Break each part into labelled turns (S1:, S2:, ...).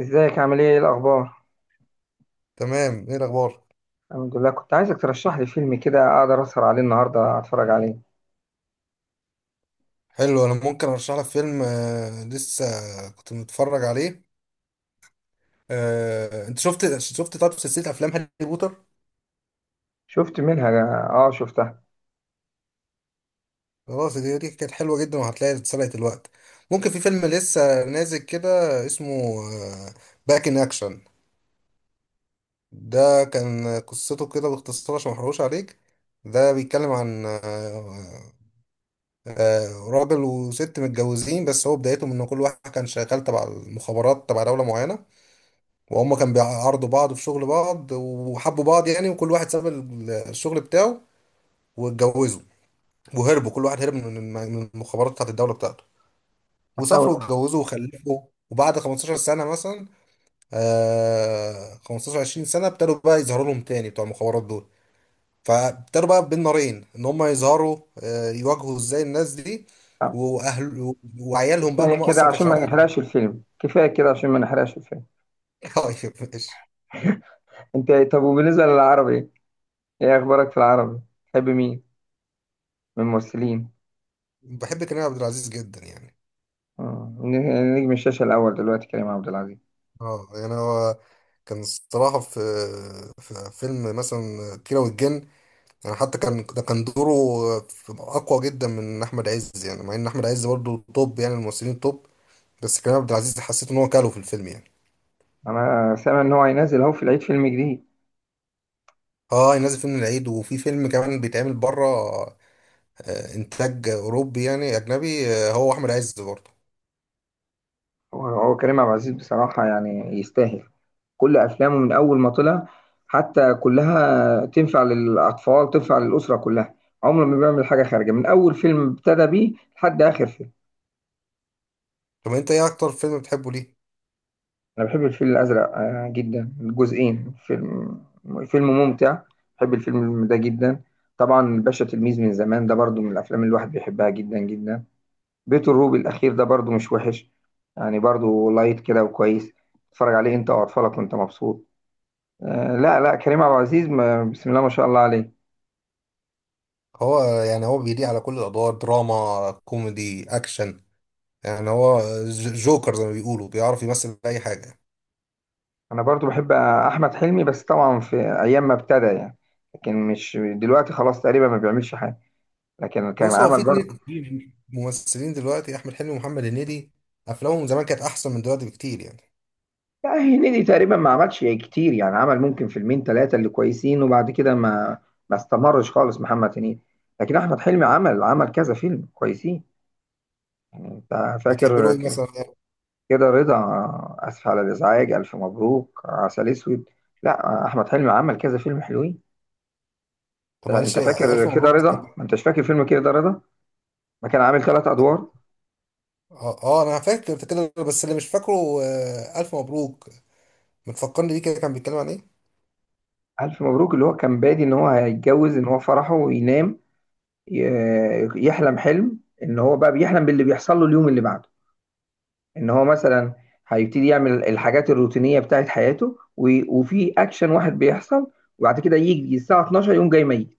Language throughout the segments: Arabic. S1: ازيك، عامل ايه؟ ايه الاخبار؟
S2: تمام. ايه الاخبار؟
S1: الحمد لله، كنت عايزك ترشح لي فيلم كده اقدر اسهر عليه النهارده اتفرج عليه.
S2: حلو، انا ممكن ارشح لك فيلم لسه كنت متفرج عليه. انت شفت طب سلسله افلام هاري بوتر.
S1: شفت منها. اه، شفتها.
S2: خلاص، دي كانت حلوه جدا وهتلاقي اتسرقت الوقت. ممكن في فيلم لسه نازل كده اسمه باك ان اكشن. ده كان قصته كده باختصار عشان ما احرقوش عليك. ده بيتكلم عن راجل وست متجوزين، بس هو بدايته من ان كل واحد كان شغال تبع المخابرات تبع دولة معينة، وهم كانوا بيعرضوا بعض في شغل بعض وحبوا بعض يعني، وكل واحد ساب الشغل بتاعه واتجوزوا وهربوا. كل واحد هرب من المخابرات بتاعت الدولة بتاعته، وسافروا
S1: احاول
S2: واتجوزوا وخلفوا. وبعد 15 سنة مثلا، 15 20 سنة ابتدوا بقى يظهروا لهم تاني بتوع المخابرات دول. فابتدوا بقى بين نارين ان هم يظهروا آه يواجهوا ازاي الناس دي
S1: أفهم.
S2: واهل وعيالهم، بقى ان
S1: كفايه
S2: هم
S1: كده
S2: اصلا ما كانش
S1: عشان ما
S2: عارفهم.
S1: نحرقش الفيلم، كفايه كده عشان ما نحرقش الفيلم.
S2: طيب ماشي.
S1: انت إيه؟ طب، وبالنسبه للعربي، ايه اخبارك في العربي؟ تحب مين من الممثلين؟
S2: بحب كريم عبد العزيز جدا يعني.
S1: مم. نجم الشاشه الاول دلوقتي كريم عبد العزيز.
S2: اه يعني هو كان الصراحة في فيلم مثلا كيرة والجن، يعني حتى كان ده كان دوره أقوى جدا من أحمد عز يعني، مع إن أحمد عز برضه توب، يعني الممثلين توب، بس كريم عبد العزيز حسيت إن هو كاله في الفيلم يعني.
S1: انا سامع ان هو هينزل اهو في العيد فيلم جديد.
S2: اه نازل فيلم العيد، وفي فيلم كمان بيتعمل بره، إنتاج أوروبي يعني أجنبي، هو أحمد عز برضه.
S1: هو هو كريم عبد العزيز بصراحه، يعني يستاهل. كل افلامه من اول ما طلع حتى كلها تنفع للاطفال، تنفع للاسره كلها. عمره ما بيعمل حاجه خارجه، من اول فيلم ابتدى بيه لحد اخر فيلم.
S2: طب أنت إيه أكتر فيلم بتحبه ليه؟
S1: انا بحب الفيل الازرق جدا، الجزئين. فيلم، فيلم ممتع. بحب الفيلم ده جدا. طبعا الباشا تلميذ من زمان ده برضو من الافلام اللي الواحد بيحبها جدا جدا. بيت الروبي الاخير ده برضو مش وحش، يعني برضو لايت كده وكويس، تتفرج عليه انت واطفالك وانت مبسوط. لا لا، كريم عبد العزيز، بسم الله ما شاء الله عليه.
S2: هو يعني هو بيليق على كل الأدوار، دراما، كوميدي، أكشن. يعني هو جوكر زي ما بيقولوا، بيعرف يمثل اي حاجه.
S1: انا برضو بحب احمد حلمي، بس طبعا في ايام ما ابتدى يعني، لكن مش دلوقتي خلاص تقريبا ما بيعملش حاجه، لكن كان
S2: بص هو في
S1: عمل برضه.
S2: اتنين في ممثلين دلوقتي، احمد حلمي ومحمد هنيدي، افلامهم زمان كانت احسن من دلوقتي بكتير يعني.
S1: لا، هنيدي تقريبا ما عملش كتير، يعني عمل ممكن فيلمين ثلاثه اللي كويسين، وبعد كده ما استمرش خالص محمد هنيدي. لكن احمد حلمي عمل، عمل كذا فيلم كويسين. يعني انت
S2: بتحب له
S1: فاكر
S2: ايه مثلا يعني؟
S1: كده رضا؟ اسف على الازعاج، الف مبروك، عسل اسود. لا، احمد حلمي عمل كذا فيلم حلوين.
S2: طب
S1: انت
S2: معلش،
S1: فاكر
S2: الف
S1: كده
S2: مبروك
S1: رضا؟ ما انتش فاكر فيلم كده رضا؟ ما كان عامل ثلاث ادوار.
S2: انا فاكر كده بس اللي مش فاكره، الف مبروك متفكرني بيه، كده كان بيتكلم عن ايه؟
S1: ألف مبروك، اللي هو كان بادي إن هو هيتجوز، إن هو فرحه وينام، يحلم حلم إن هو بقى بيحلم باللي بيحصل له اليوم اللي بعده. إن هو مثلا هيبتدي يعمل الحاجات الروتينية بتاعت حياته وفي أكشن واحد بيحصل، وبعد كده يجي الساعة 12، يقوم جاي ميت،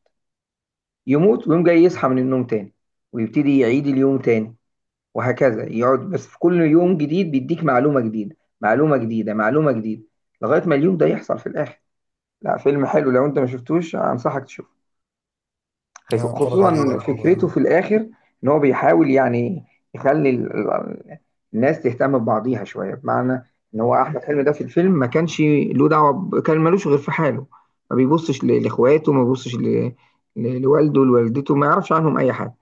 S1: يموت ويقوم جاي يصحى من النوم تاني، ويبتدي يعيد اليوم تاني، وهكذا. يقعد بس في كل يوم جديد بيديك معلومة جديدة، معلومة جديدة، معلومة جديدة، لغاية ما اليوم ده يحصل في الآخر. لا، فيلم حلو، لو أنت ما شفتوش أنصحك تشوفه،
S2: يعني اتفرج عليه.
S1: خصوصا فكرته في الاخر. ان هو بيحاول يعني يخلي الناس تهتم ببعضيها شويه، بمعنى ان هو احمد حلمي ده في الفيلم ما كانش له دعوه، كان ملوش غير في حاله، ما بيبصش لاخواته، ما بيبصش لوالده، لوالدته، ما يعرفش عنهم اي حاجه.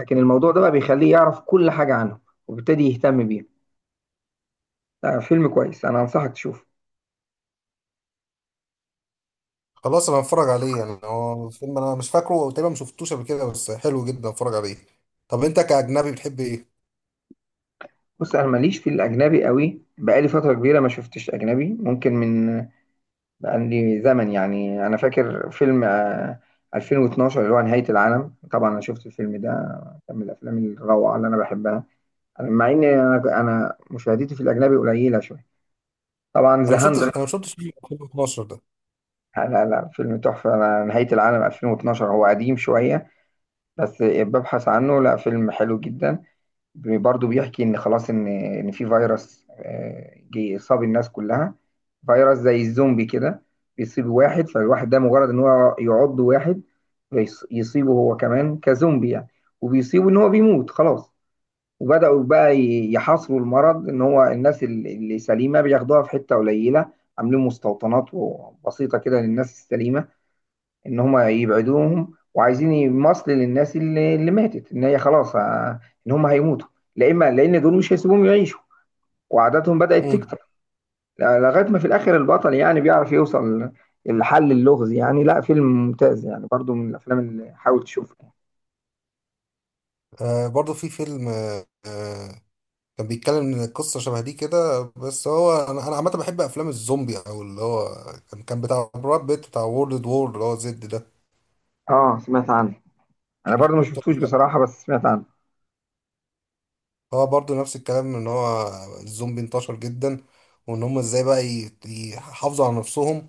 S1: لكن الموضوع ده بقى بيخليه يعرف كل حاجه عنهم، وبالتالي يهتم بيهم. لا، فيلم كويس، انا انصحك تشوفه.
S2: خلاص انا هتفرج عليه. يعني هو فيلم انا مش فاكره وتقريبا ما شفتوش قبل كده، بس حلو جدا، اتفرج عليه. طب انت كاجنبي بتحب ايه؟
S1: بص، انا ماليش في الاجنبي قوي، بقالي فتره كبيره ما شفتش اجنبي، ممكن من عندي زمن. يعني انا فاكر فيلم 2012 اللي هو نهاية العالم. طبعا انا شفت الفيلم ده، كان من الافلام الروعة اللي انا بحبها. مع ان انا مشاهدتي في الاجنبي قليلة شوية. طبعا ذا هاند.
S2: انا ما شفتش فيلم 2012
S1: لا لا لا، فيلم تحفة، أنا نهاية العالم 2012 هو قديم شوية بس ببحث عنه، لا، فيلم حلو جدا. برضه بيحكي ان خلاص، ان في فيروس جه صاب الناس كلها، فيروس زي الزومبي كده. بيصيب واحد، فالواحد ده مجرد ان هو يعض واحد يصيبه هو كمان كزومبي يعني، وبيصيبه ان هو بيموت خلاص. وبدأوا بقى يحاصروا المرض، ان هو الناس اللي سليمة بياخدوها في حتة قليلة، عاملين مستوطنات بسيطة كده للناس السليمة ان هم يبعدوهم، وعايزين يمصل للناس اللي ماتت، ان هي خلاص ان هم هيموتوا، لا اما لان دول مش هيسيبوهم يعيشوا، وعاداتهم بدأت
S2: ده.
S1: تكتر. لغايه ما في الاخر البطل يعني بيعرف يوصل لحل اللغز، يعني لا، فيلم ممتاز يعني، برضو من الافلام اللي حاول تشوفها.
S2: برضو في فيلم كان بيتكلم ان قصة شبه دي كده، بس هو انا، عامة بحب افلام الزومبي، او اللي هو كان بتاع براد بيت، بتاع وورلد وور اللي هو زد ده.
S1: اه، سمعت عنه.
S2: مش
S1: انا
S2: عارف
S1: برضو ما
S2: شفته
S1: شفتوش
S2: ولا لأ.
S1: بصراحه، بس سمعت عنه.
S2: هو برضو نفس الكلام، ان هو الزومبي انتشر جدا، وان هم ازاي بقى يحافظوا على نفسهم.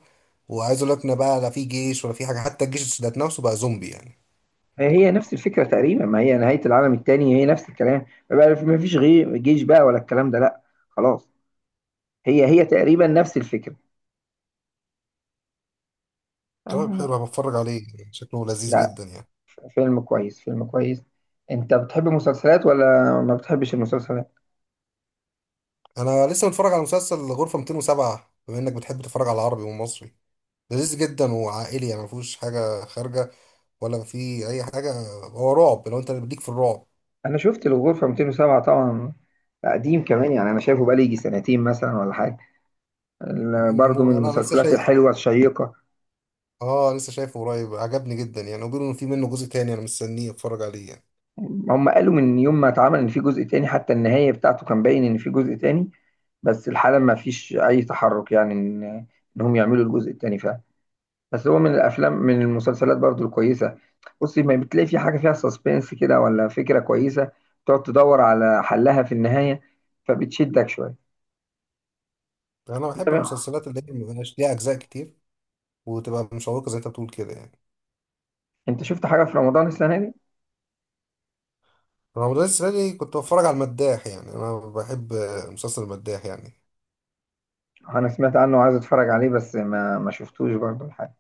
S2: وعايز اقول لك ان بقى لا في جيش ولا في حاجة، حتى الجيش ذات نفسه بقى زومبي يعني.
S1: هي هي نفس الفكره تقريبا، ما هي نهايه العالم الثاني هي نفس الكلام بقى، ما فيش غير جيش بقى ولا الكلام ده، لا، خلاص. هي هي تقريبا نفس الفكره.
S2: طيب
S1: آه،
S2: حلو، بتفرج عليه، شكله لذيذ
S1: لا،
S2: جدا يعني.
S1: فيلم كويس، فيلم كويس. انت بتحب المسلسلات ولا ما بتحبش المسلسلات؟
S2: انا لسه متفرج على مسلسل غرفة 207، بما انك بتحب تتفرج على عربي ومصري. لذيذ جدا وعائلي يعني، ما فيهوش حاجه خارجه ولا في اي حاجه. هو رعب، لو انت ليك في الرعب.
S1: انا شفت الغرفة 207 طبعا، قديم كمان يعني، انا شايفه بقالي يجي سنتين مثلا ولا حاجة. برضه من
S2: مو انا لسه
S1: المسلسلات
S2: شايف.
S1: الحلوة الشيقة.
S2: اه لسه شايفه قريب، عجبني جدا يعني، وبيقولوا ان في منه جزء تاني، انا مستنيه اتفرج عليه يعني.
S1: هم قالوا من يوم ما اتعمل ان في جزء تاني، حتى النهاية بتاعته كان باين ان في جزء تاني، بس الحالة ما فيش اي تحرك يعني ان انهم يعملوا الجزء التاني فعلا. بس هو من الافلام، من المسلسلات برضو الكويسه. بصي، ما بتلاقي في حاجه فيها سسبنس كده ولا فكره كويسه، تقعد تدور على حلها في النهايه، فبتشدك شويه.
S2: انا
S1: انت
S2: بحب
S1: بقى،
S2: المسلسلات اللي هي مبقاش ليها اجزاء كتير، وتبقى مشوقه زي انت بتقول كده يعني.
S1: انت شفت حاجه في رمضان السنه دي؟
S2: رمضان السنه دي كنت بتفرج على المداح، يعني انا بحب مسلسل المداح يعني.
S1: انا سمعت عنه وعايز اتفرج عليه، بس ما شفتوش برضو الحاجه.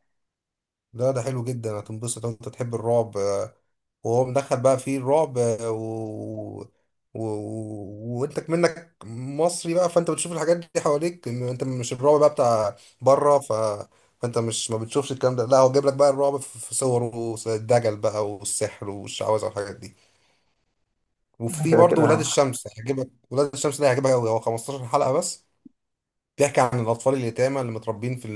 S2: لا ده حلو جدا، هتنبسط. انت تحب الرعب، وهو مدخل بقى فيه الرعب، وانت منك مصري بقى، فانت بتشوف الحاجات دي حواليك. انت مش الرعب بقى بتاع بره، فانت مش ما بتشوفش الكلام ده. لا، هو جايب لك بقى الرعب في صوره الدجل بقى، والسحر والشعوذه والحاجات دي.
S1: انا
S2: وفي
S1: كده
S2: برضه ولاد
S1: كده.
S2: الشمس، هيعجبك. ولاد الشمس ده هيعجبك قوي، هو 15 حلقه بس. بيحكي عن الاطفال اليتامى اللي متربين في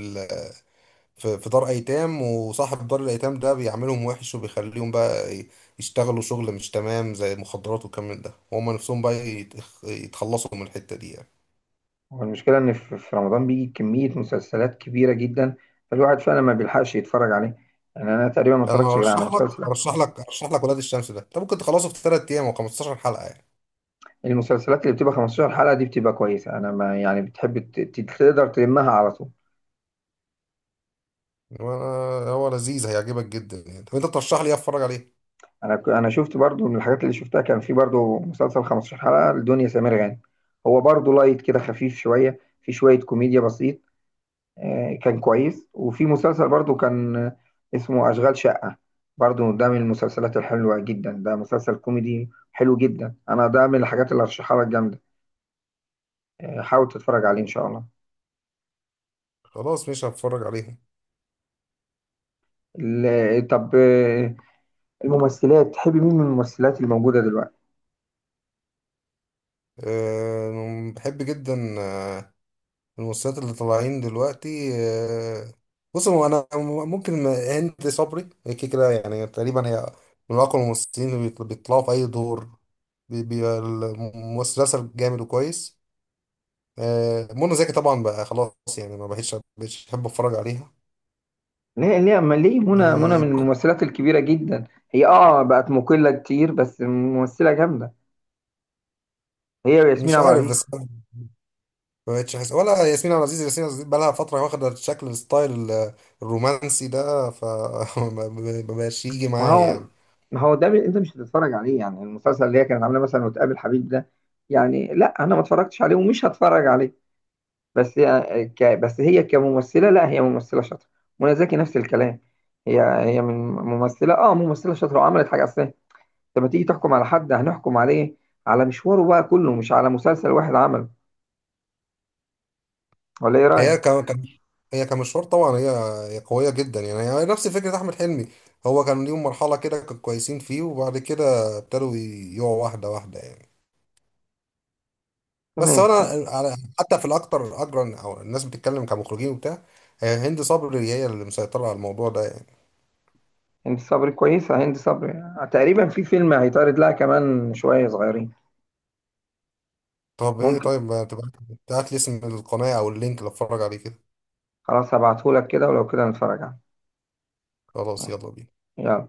S2: في في دار ايتام، وصاحب دار الايتام ده بيعملهم وحش، وبيخليهم بقى يشتغلوا شغل مش تمام زي مخدرات والكلام من ده، وهم نفسهم بقى يتخلصوا من الحتة دي يعني.
S1: هو المشكله، ان في رمضان بيجي كميه مسلسلات كبيره جدا، فالواحد فعلا ما بيلحقش يتفرج عليه، يعني انا تقريبا ما
S2: انا
S1: اتفرجتش غير على
S2: ارشح لك
S1: مسلسل.
S2: ارشح لك ارشح لك ولاد الشمس ده، انت ممكن تخلصه في 3 ايام، و15 حلقة يعني.
S1: المسلسلات اللي بتبقى 15 حلقه دي بتبقى كويسه، انا ما يعني، بتحب تقدر تلمها على طول.
S2: هو هو لذيذ، هيعجبك جدا يعني. طب انت ترشح لي ايه اتفرج عليه؟
S1: انا انا شفت برضو من الحاجات اللي شفتها، كان في برضو مسلسل 15 حلقة لدنيا سمير غانم، هو برضو لايت كده، خفيف شوية، في شوية كوميديا بسيط، كان كويس. وفي مسلسل برضو كان اسمه أشغال شقة، برضو ده من المسلسلات الحلوة جدا، ده مسلسل كوميدي حلو جدا، انا ده من الحاجات اللي هرشحها لك جامدة، حاول تتفرج عليه ان شاء الله.
S2: خلاص، مش هتفرج عليهم.
S1: طب، الممثلات، تحب مين من الممثلات الموجودة دلوقتي؟
S2: أه بحب جدا، الممثلات اللي طالعين دلوقتي. بص هو انا، ممكن ما- هند صبري هي كده كده يعني، تقريبا هي من اقوى الممثلين اللي بيطلعوا في اي دور، بيبقى المسلسل جامد وكويس. منى زكي طبعا بقى خلاص يعني، ما بقتش احب اتفرج عليها.
S1: ليه، ليه؟ أما ليه، منى، منى من
S2: آه،
S1: الممثلات الكبيرة جدا. هي اه بقت مقلة كتير، بس ممثلة جامدة، هي وياسمين
S2: مش
S1: عبد
S2: عارف
S1: العزيز.
S2: بس أنا ما بقتش احس، ولا ياسمين عبد العزيز. ياسمين عبد العزيز بقى لها فتره واخده شكل الستايل الرومانسي ده، ما بقاش يجي
S1: ما
S2: معايا
S1: هو
S2: يعني.
S1: ما هو ده، انت مش هتتفرج عليه يعني، المسلسل اللي هي كانت عاملاه مثلا وتقابل حبيب ده، يعني لا انا ما اتفرجتش عليه ومش هتفرج عليه. بس هي بس هي كممثلة، لا هي ممثلة شاطرة. منى زكي نفس الكلام، هي هي من ممثلة، ممثلة شاطرة وعملت حاجة اصلا. لما تيجي تحكم على حد هنحكم عليه على مشواره بقى كله، مش على مسلسل واحد عمله، ولا ايه رأيك؟
S2: هي ك- كان هي كمشوار طبعا، هي قوية جدا يعني. هي نفس فكرة أحمد حلمي، هو كان ليهم مرحلة كده كانوا كويسين فيه، وبعد كده ابتدوا يقعوا واحدة واحدة يعني. بس
S1: تمام،
S2: أنا على حتى في الأكتر أجرا، أو الناس بتتكلم كمخرجين وبتاع، هي هند صبري هي اللي مسيطرة على الموضوع ده يعني.
S1: هند صبري كويسة. هند صبري تقريبا في فيلم هيتعرض لها كمان شوية صغيرين.
S2: طب إيه،
S1: ممكن.
S2: طيب ما تبعت، لي اسم القناة أو اللينك اللي أتفرج عليه كده.
S1: خلاص، هبعتهولك كده، ولو كده نتفرج عليه.
S2: خلاص
S1: ماشي.
S2: يلا بينا.
S1: يلا.